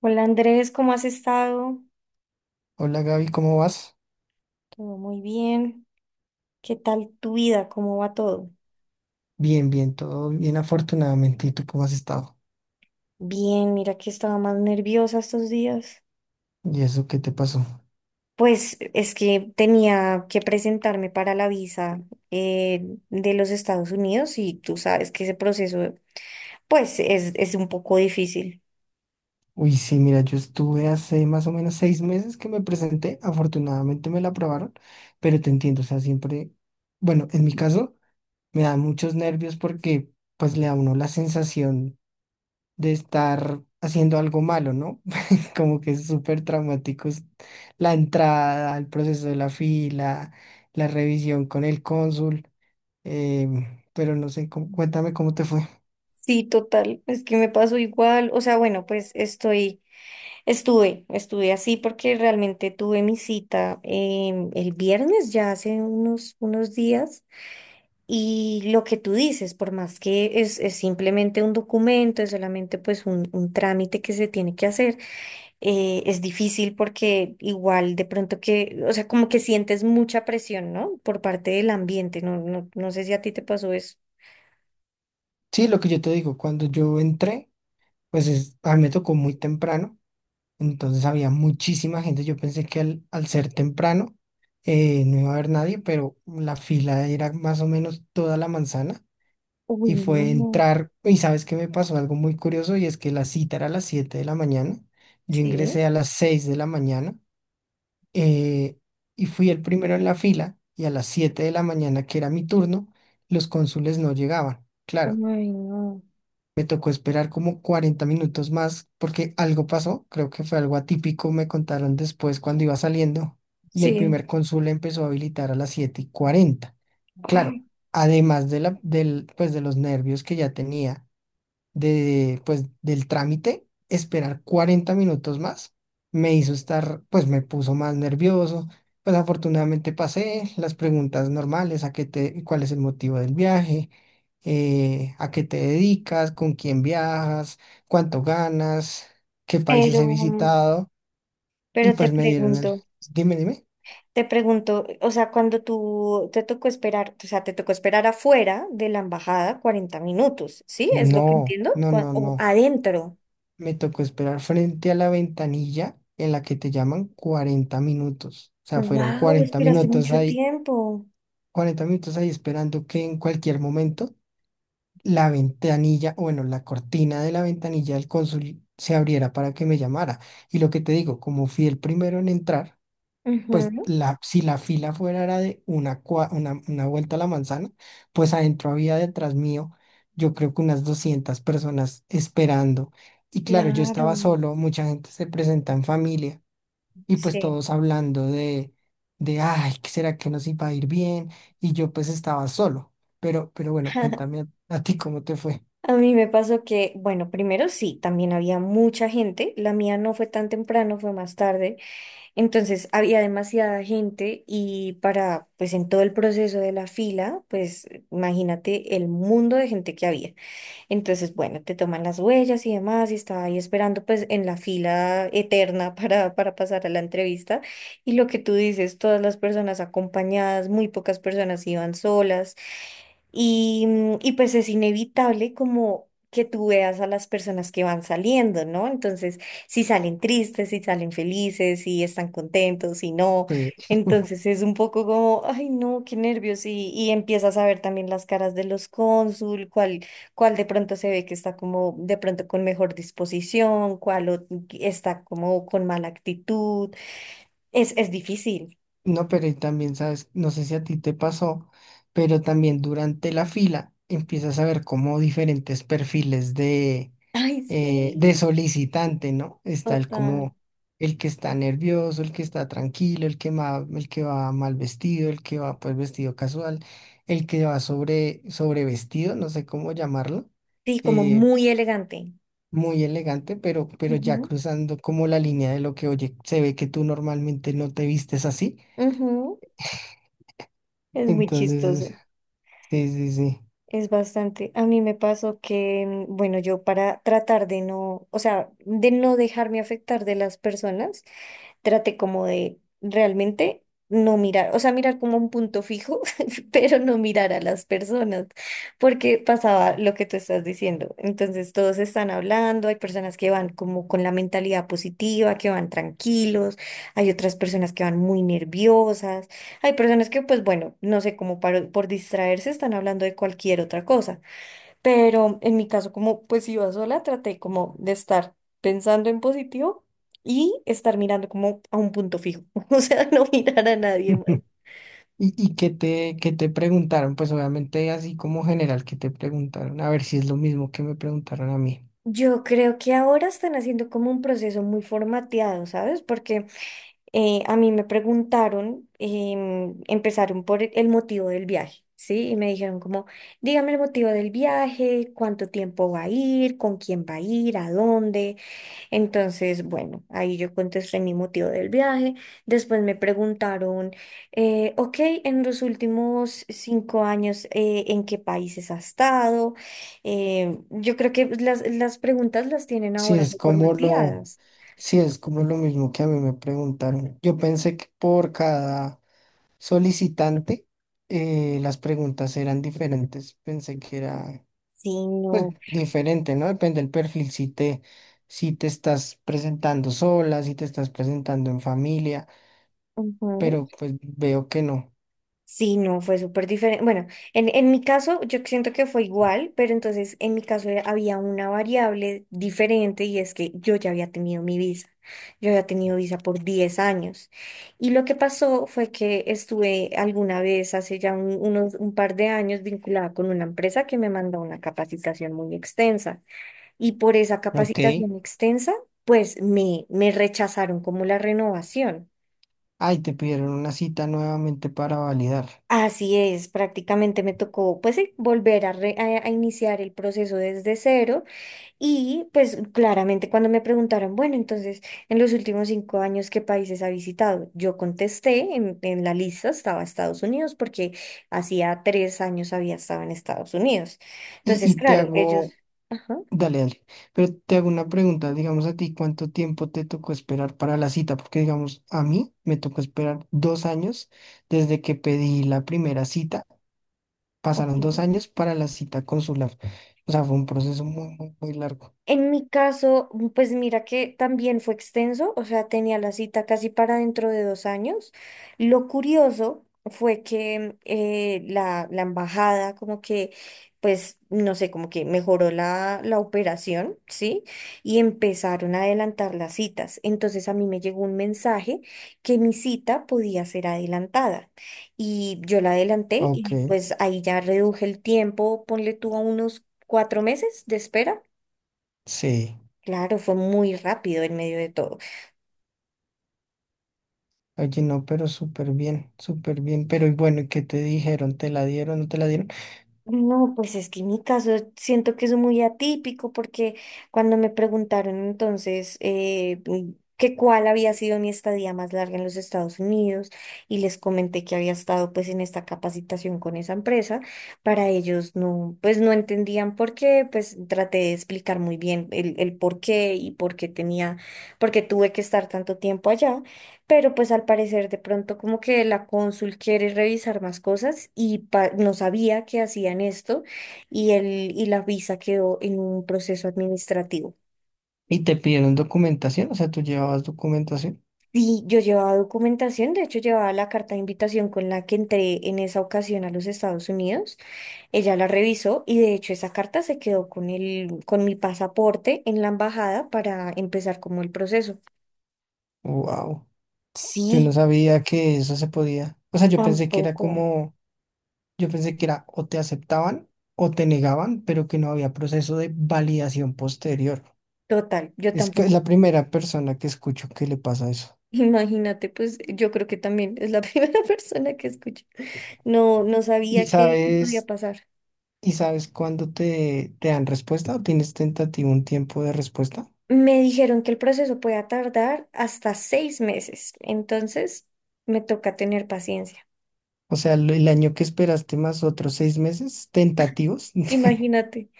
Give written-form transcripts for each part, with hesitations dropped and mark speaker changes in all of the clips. Speaker 1: Hola Andrés, ¿cómo has estado?
Speaker 2: Hola Gaby, ¿cómo vas?
Speaker 1: Todo muy bien. ¿Qué tal tu vida? ¿Cómo va todo?
Speaker 2: Bien, bien, todo bien afortunadamente. ¿Y tú cómo has estado?
Speaker 1: Bien, mira que estaba más nerviosa estos días.
Speaker 2: ¿Y eso qué te pasó?
Speaker 1: Pues es que tenía que presentarme para la visa de los Estados Unidos y tú sabes que ese proceso pues es un poco difícil.
Speaker 2: Uy, sí, mira, yo estuve hace más o menos 6 meses que me presenté, afortunadamente me la aprobaron, pero te entiendo, o sea, siempre, bueno, en mi caso me da muchos nervios porque pues le da a uno la sensación de estar haciendo algo malo, ¿no? Como que es súper traumático es la entrada, el proceso de la fila, la revisión con el cónsul. Pero no sé, cuéntame cómo te fue.
Speaker 1: Sí, total, es que me pasó igual. O sea, bueno, pues estuve así porque realmente tuve mi cita el viernes, ya hace unos días. Y lo que tú dices, por más que es simplemente un documento, es solamente pues un trámite que se tiene que hacer, es difícil porque igual de pronto que, o sea, como que sientes mucha presión, ¿no? Por parte del ambiente, no sé si a ti te pasó eso.
Speaker 2: Sí, lo que yo te digo, cuando yo entré, a mí me tocó muy temprano, entonces había muchísima gente. Yo pensé que al ser temprano no iba a haber nadie, pero la fila era más o menos toda la manzana
Speaker 1: Uy,
Speaker 2: y
Speaker 1: no.
Speaker 2: fue
Speaker 1: No.
Speaker 2: entrar. Y sabes que me pasó algo muy curioso, y es que la cita era a las 7 de la mañana. Yo
Speaker 1: Sí.
Speaker 2: ingresé a las 6 de la mañana, eh, y fui el primero en la fila, y a las 7 de la mañana, que era mi turno, los cónsules no llegaban. Claro,
Speaker 1: Uy, no.
Speaker 2: me tocó esperar como 40 minutos más porque algo pasó, creo que fue algo atípico, me contaron después cuando iba saliendo, y el
Speaker 1: Sí.
Speaker 2: primer cónsul empezó a habilitar a las 7:40. Claro,
Speaker 1: Ah.
Speaker 2: además de pues de los nervios que ya tenía de, pues, del trámite, esperar 40 minutos más, me hizo estar, pues me puso más nervioso. Pues afortunadamente pasé las preguntas normales: cuál es el motivo del viaje, a qué te dedicas, con quién viajas, cuánto ganas, qué países
Speaker 1: Pero,
Speaker 2: he visitado, y
Speaker 1: pero te
Speaker 2: pues me dieron el,
Speaker 1: pregunto.
Speaker 2: dime, dime.
Speaker 1: Te pregunto, o sea, cuando tú te tocó esperar, o sea, te tocó esperar afuera de la embajada 40 minutos, ¿sí? ¿Es lo que
Speaker 2: No,
Speaker 1: entiendo?
Speaker 2: no, no,
Speaker 1: O
Speaker 2: no.
Speaker 1: adentro.
Speaker 2: Me tocó esperar frente a la ventanilla en la que te llaman 40 minutos. O sea, fueron
Speaker 1: Wow,
Speaker 2: 40
Speaker 1: esperaste
Speaker 2: minutos
Speaker 1: mucho
Speaker 2: ahí,
Speaker 1: tiempo.
Speaker 2: 40 minutos ahí esperando que en cualquier momento la ventanilla, o bueno, la cortina de la ventanilla del cónsul se abriera para que me llamara. Y lo que te digo, como fui el primero en entrar, pues
Speaker 1: Ujú.
Speaker 2: la, si la fila fuera era de una vuelta a la manzana, pues adentro había detrás mío, yo creo que unas 200 personas esperando. Y claro, yo
Speaker 1: Claro,
Speaker 2: estaba solo, mucha gente se presenta en familia, y pues
Speaker 1: sí.
Speaker 2: todos hablando ay, ¿qué será que nos iba a ir bien? Y yo pues estaba solo. Pero bueno, cuéntame a ti cómo te fue.
Speaker 1: A mí me pasó que, bueno, primero sí, también había mucha gente, la mía no fue tan temprano, fue más tarde, entonces había demasiada gente y para, pues en todo el proceso de la fila, pues imagínate el mundo de gente que había. Entonces, bueno, te toman las huellas y demás, y estaba ahí esperando pues en la fila eterna para pasar a la entrevista. Y lo que tú dices, todas las personas acompañadas, muy pocas personas iban solas. Y pues es inevitable como que tú veas a las personas que van saliendo, ¿no? Entonces, si salen tristes, si salen felices, si están contentos, si no.
Speaker 2: Sí.
Speaker 1: Entonces es un poco como, ay no, qué nervios. Y empiezas a ver también las caras de los cónsul, cuál de pronto se ve que está como de pronto con mejor disposición, está como con mala actitud. Es difícil.
Speaker 2: No, pero y también, sabes, no sé si a ti te pasó, pero también durante la fila empiezas a ver como diferentes perfiles
Speaker 1: Ay,
Speaker 2: de
Speaker 1: sí,
Speaker 2: solicitante, ¿no? Está el
Speaker 1: total.
Speaker 2: como el que está nervioso, el que está tranquilo, el que va mal vestido, el que va pues vestido casual, el que va sobrevestido, no sé cómo llamarlo,
Speaker 1: Sí, como
Speaker 2: eh,
Speaker 1: muy elegante.
Speaker 2: muy elegante, pero ya cruzando como la línea de lo que, oye, se ve que tú normalmente no te vistes así.
Speaker 1: Ujú. Es muy
Speaker 2: Entonces,
Speaker 1: chistoso,
Speaker 2: sí, sí, sí.
Speaker 1: es bastante. A mí me pasó que, bueno, yo para tratar de no, o sea, de no dejarme afectar de las personas, traté como de realmente no mirar, o sea, mirar como un punto fijo, pero no mirar a las personas, porque pasaba lo que tú estás diciendo. Entonces todos están hablando, hay personas que van como con la mentalidad positiva, que van tranquilos, hay otras personas que van muy nerviosas, hay personas que pues bueno, no sé, por distraerse están hablando de cualquier otra cosa. Pero en mi caso, como pues si iba sola, traté como de estar pensando en positivo y estar mirando como a un punto fijo, o sea, no mirar a nadie más.
Speaker 2: ¿Y qué te preguntaron? Pues obviamente así como general, ¿qué te preguntaron? A ver si es lo mismo que me preguntaron a mí.
Speaker 1: Yo creo que ahora están haciendo como un proceso muy formateado, ¿sabes? Porque a mí me preguntaron, empezaron por el motivo del viaje, ¿sí? Y me dijeron como, dígame el motivo del viaje, cuánto tiempo va a ir, con quién va a ir, a dónde. Entonces, bueno, ahí yo contesté mi motivo del viaje. Después me preguntaron, ok, en los últimos 5 años, ¿en qué países has estado? Yo creo que las preguntas las tienen
Speaker 2: Si
Speaker 1: ahora
Speaker 2: es
Speaker 1: muy
Speaker 2: como lo,
Speaker 1: formateadas.
Speaker 2: si es como lo mismo que a mí me preguntaron. Yo pensé que por cada solicitante las preguntas eran diferentes. Pensé que era
Speaker 1: Sí,
Speaker 2: pues
Speaker 1: no.
Speaker 2: diferente, ¿no? Depende del perfil, si te estás presentando sola, si te estás presentando en familia,
Speaker 1: Ujú.
Speaker 2: pero pues veo que no.
Speaker 1: Sí, no, fue súper diferente. Bueno, en mi caso yo siento que fue igual, pero entonces en mi caso había una variable diferente y es que yo ya había tenido mi visa. Yo había tenido visa por 10 años. Y lo que pasó fue que estuve alguna vez hace ya un par de años vinculada con una empresa que me mandó una capacitación muy extensa. Y por esa
Speaker 2: Ok.
Speaker 1: capacitación extensa, me rechazaron como la renovación.
Speaker 2: Ay, te pidieron una cita nuevamente para validar.
Speaker 1: Así es, prácticamente me tocó pues volver a, re- a iniciar el proceso desde cero y pues claramente cuando me preguntaron, bueno, entonces en los últimos cinco años, ¿qué países ha visitado? Yo contesté, en la lista estaba Estados Unidos porque hacía 3 años había estado en Estados Unidos.
Speaker 2: Y,
Speaker 1: Entonces,
Speaker 2: y
Speaker 1: claro,
Speaker 2: te
Speaker 1: claro. Ellos...
Speaker 2: hago,
Speaker 1: Ajá.
Speaker 2: dale, dale, pero te hago una pregunta, digamos a ti, ¿cuánto tiempo te tocó esperar para la cita? Porque, digamos, a mí me tocó esperar 2 años desde que pedí la primera cita, pasaron dos
Speaker 1: Ok.
Speaker 2: años para la cita consular. O sea, fue un proceso muy, muy, muy largo.
Speaker 1: En mi caso, pues mira que también fue extenso, o sea, tenía la cita casi para dentro de 2 años. Lo curioso fue que la embajada como que, pues, no sé, como que mejoró la operación, ¿sí? Y empezaron a adelantar las citas. Entonces a mí me llegó un mensaje que mi cita podía ser adelantada. Y yo la adelanté
Speaker 2: Ok,
Speaker 1: y pues ahí ya reduje el tiempo, ponle tú a unos 4 meses de espera.
Speaker 2: sí.
Speaker 1: Claro, fue muy rápido en medio de todo.
Speaker 2: Oye, no, pero súper bien, súper bien. Pero y bueno, ¿qué te dijeron? ¿Te la dieron, no te la dieron?
Speaker 1: No, pues es que en mi caso siento que es muy atípico porque cuando me preguntaron entonces que cuál había sido mi estadía más larga en los Estados Unidos y les comenté que había estado pues en esta capacitación con esa empresa, para ellos no, pues no entendían por qué, pues traté de explicar muy bien el por qué y por qué tenía, por qué tuve que estar tanto tiempo allá. Pero pues al parecer de pronto como que la cónsul quiere revisar más cosas y no sabía que hacían esto y, el, y la visa quedó en un proceso administrativo.
Speaker 2: ¿Y te pidieron documentación? O sea, ¿tú llevabas documentación?
Speaker 1: Y yo llevaba documentación, de hecho llevaba la carta de invitación con la que entré en esa ocasión a los Estados Unidos. Ella la revisó y de hecho esa carta se quedó con mi pasaporte en la embajada para empezar como el proceso.
Speaker 2: Wow, yo
Speaker 1: Sí,
Speaker 2: no sabía que eso se podía. O sea, yo pensé que era
Speaker 1: tampoco.
Speaker 2: como, yo pensé que era o te aceptaban o te negaban, pero que no había proceso de validación posterior.
Speaker 1: Total, yo
Speaker 2: Es que es
Speaker 1: tampoco.
Speaker 2: la primera persona que escucho que le pasa eso.
Speaker 1: Imagínate, pues yo creo que también es la primera persona que escucho. No, no
Speaker 2: ¿Y
Speaker 1: sabía qué podía
Speaker 2: sabes,
Speaker 1: pasar.
Speaker 2: y sabes cuándo te, te dan respuesta, o tienes tentativo un tiempo de respuesta?
Speaker 1: Me dijeron que el proceso puede tardar hasta 6 meses, entonces me toca tener paciencia.
Speaker 2: O sea, el año que esperaste más otros 6 meses tentativos.
Speaker 1: Imagínate,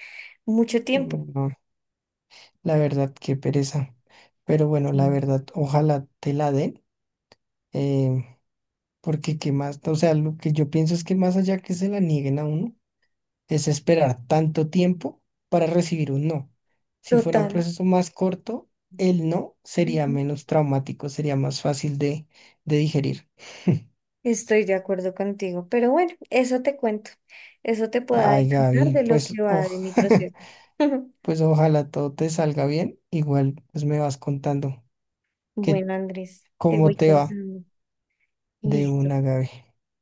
Speaker 1: mucho
Speaker 2: No,
Speaker 1: tiempo.
Speaker 2: no, la verdad, qué pereza. Pero bueno,
Speaker 1: Sí.
Speaker 2: la verdad, ojalá te la den. eh, Porque qué más, o sea, lo que yo pienso es que más allá que se la nieguen a uno, es esperar tanto tiempo para recibir un no. Si fuera un
Speaker 1: Total.
Speaker 2: proceso más corto, el no sería
Speaker 1: Ujú.
Speaker 2: menos traumático, sería más fácil de digerir.
Speaker 1: Estoy de acuerdo contigo, pero bueno, eso te cuento. Eso te puedo
Speaker 2: Ay,
Speaker 1: adelantar de
Speaker 2: Gaby,
Speaker 1: lo
Speaker 2: pues,
Speaker 1: que va de mi proceso.
Speaker 2: pues ojalá todo te salga bien. Igual, pues me vas contando que
Speaker 1: Bueno, Andrés, te
Speaker 2: cómo
Speaker 1: voy
Speaker 2: te va
Speaker 1: contando.
Speaker 2: de
Speaker 1: Listo.
Speaker 2: una, Gaby.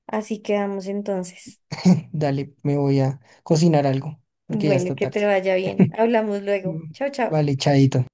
Speaker 1: Así quedamos entonces.
Speaker 2: Dale, me voy a cocinar algo, porque ya
Speaker 1: Bueno,
Speaker 2: está
Speaker 1: que
Speaker 2: tarde.
Speaker 1: te vaya bien. Hablamos luego.
Speaker 2: Mm,
Speaker 1: Chao, chao.
Speaker 2: vale, chaito.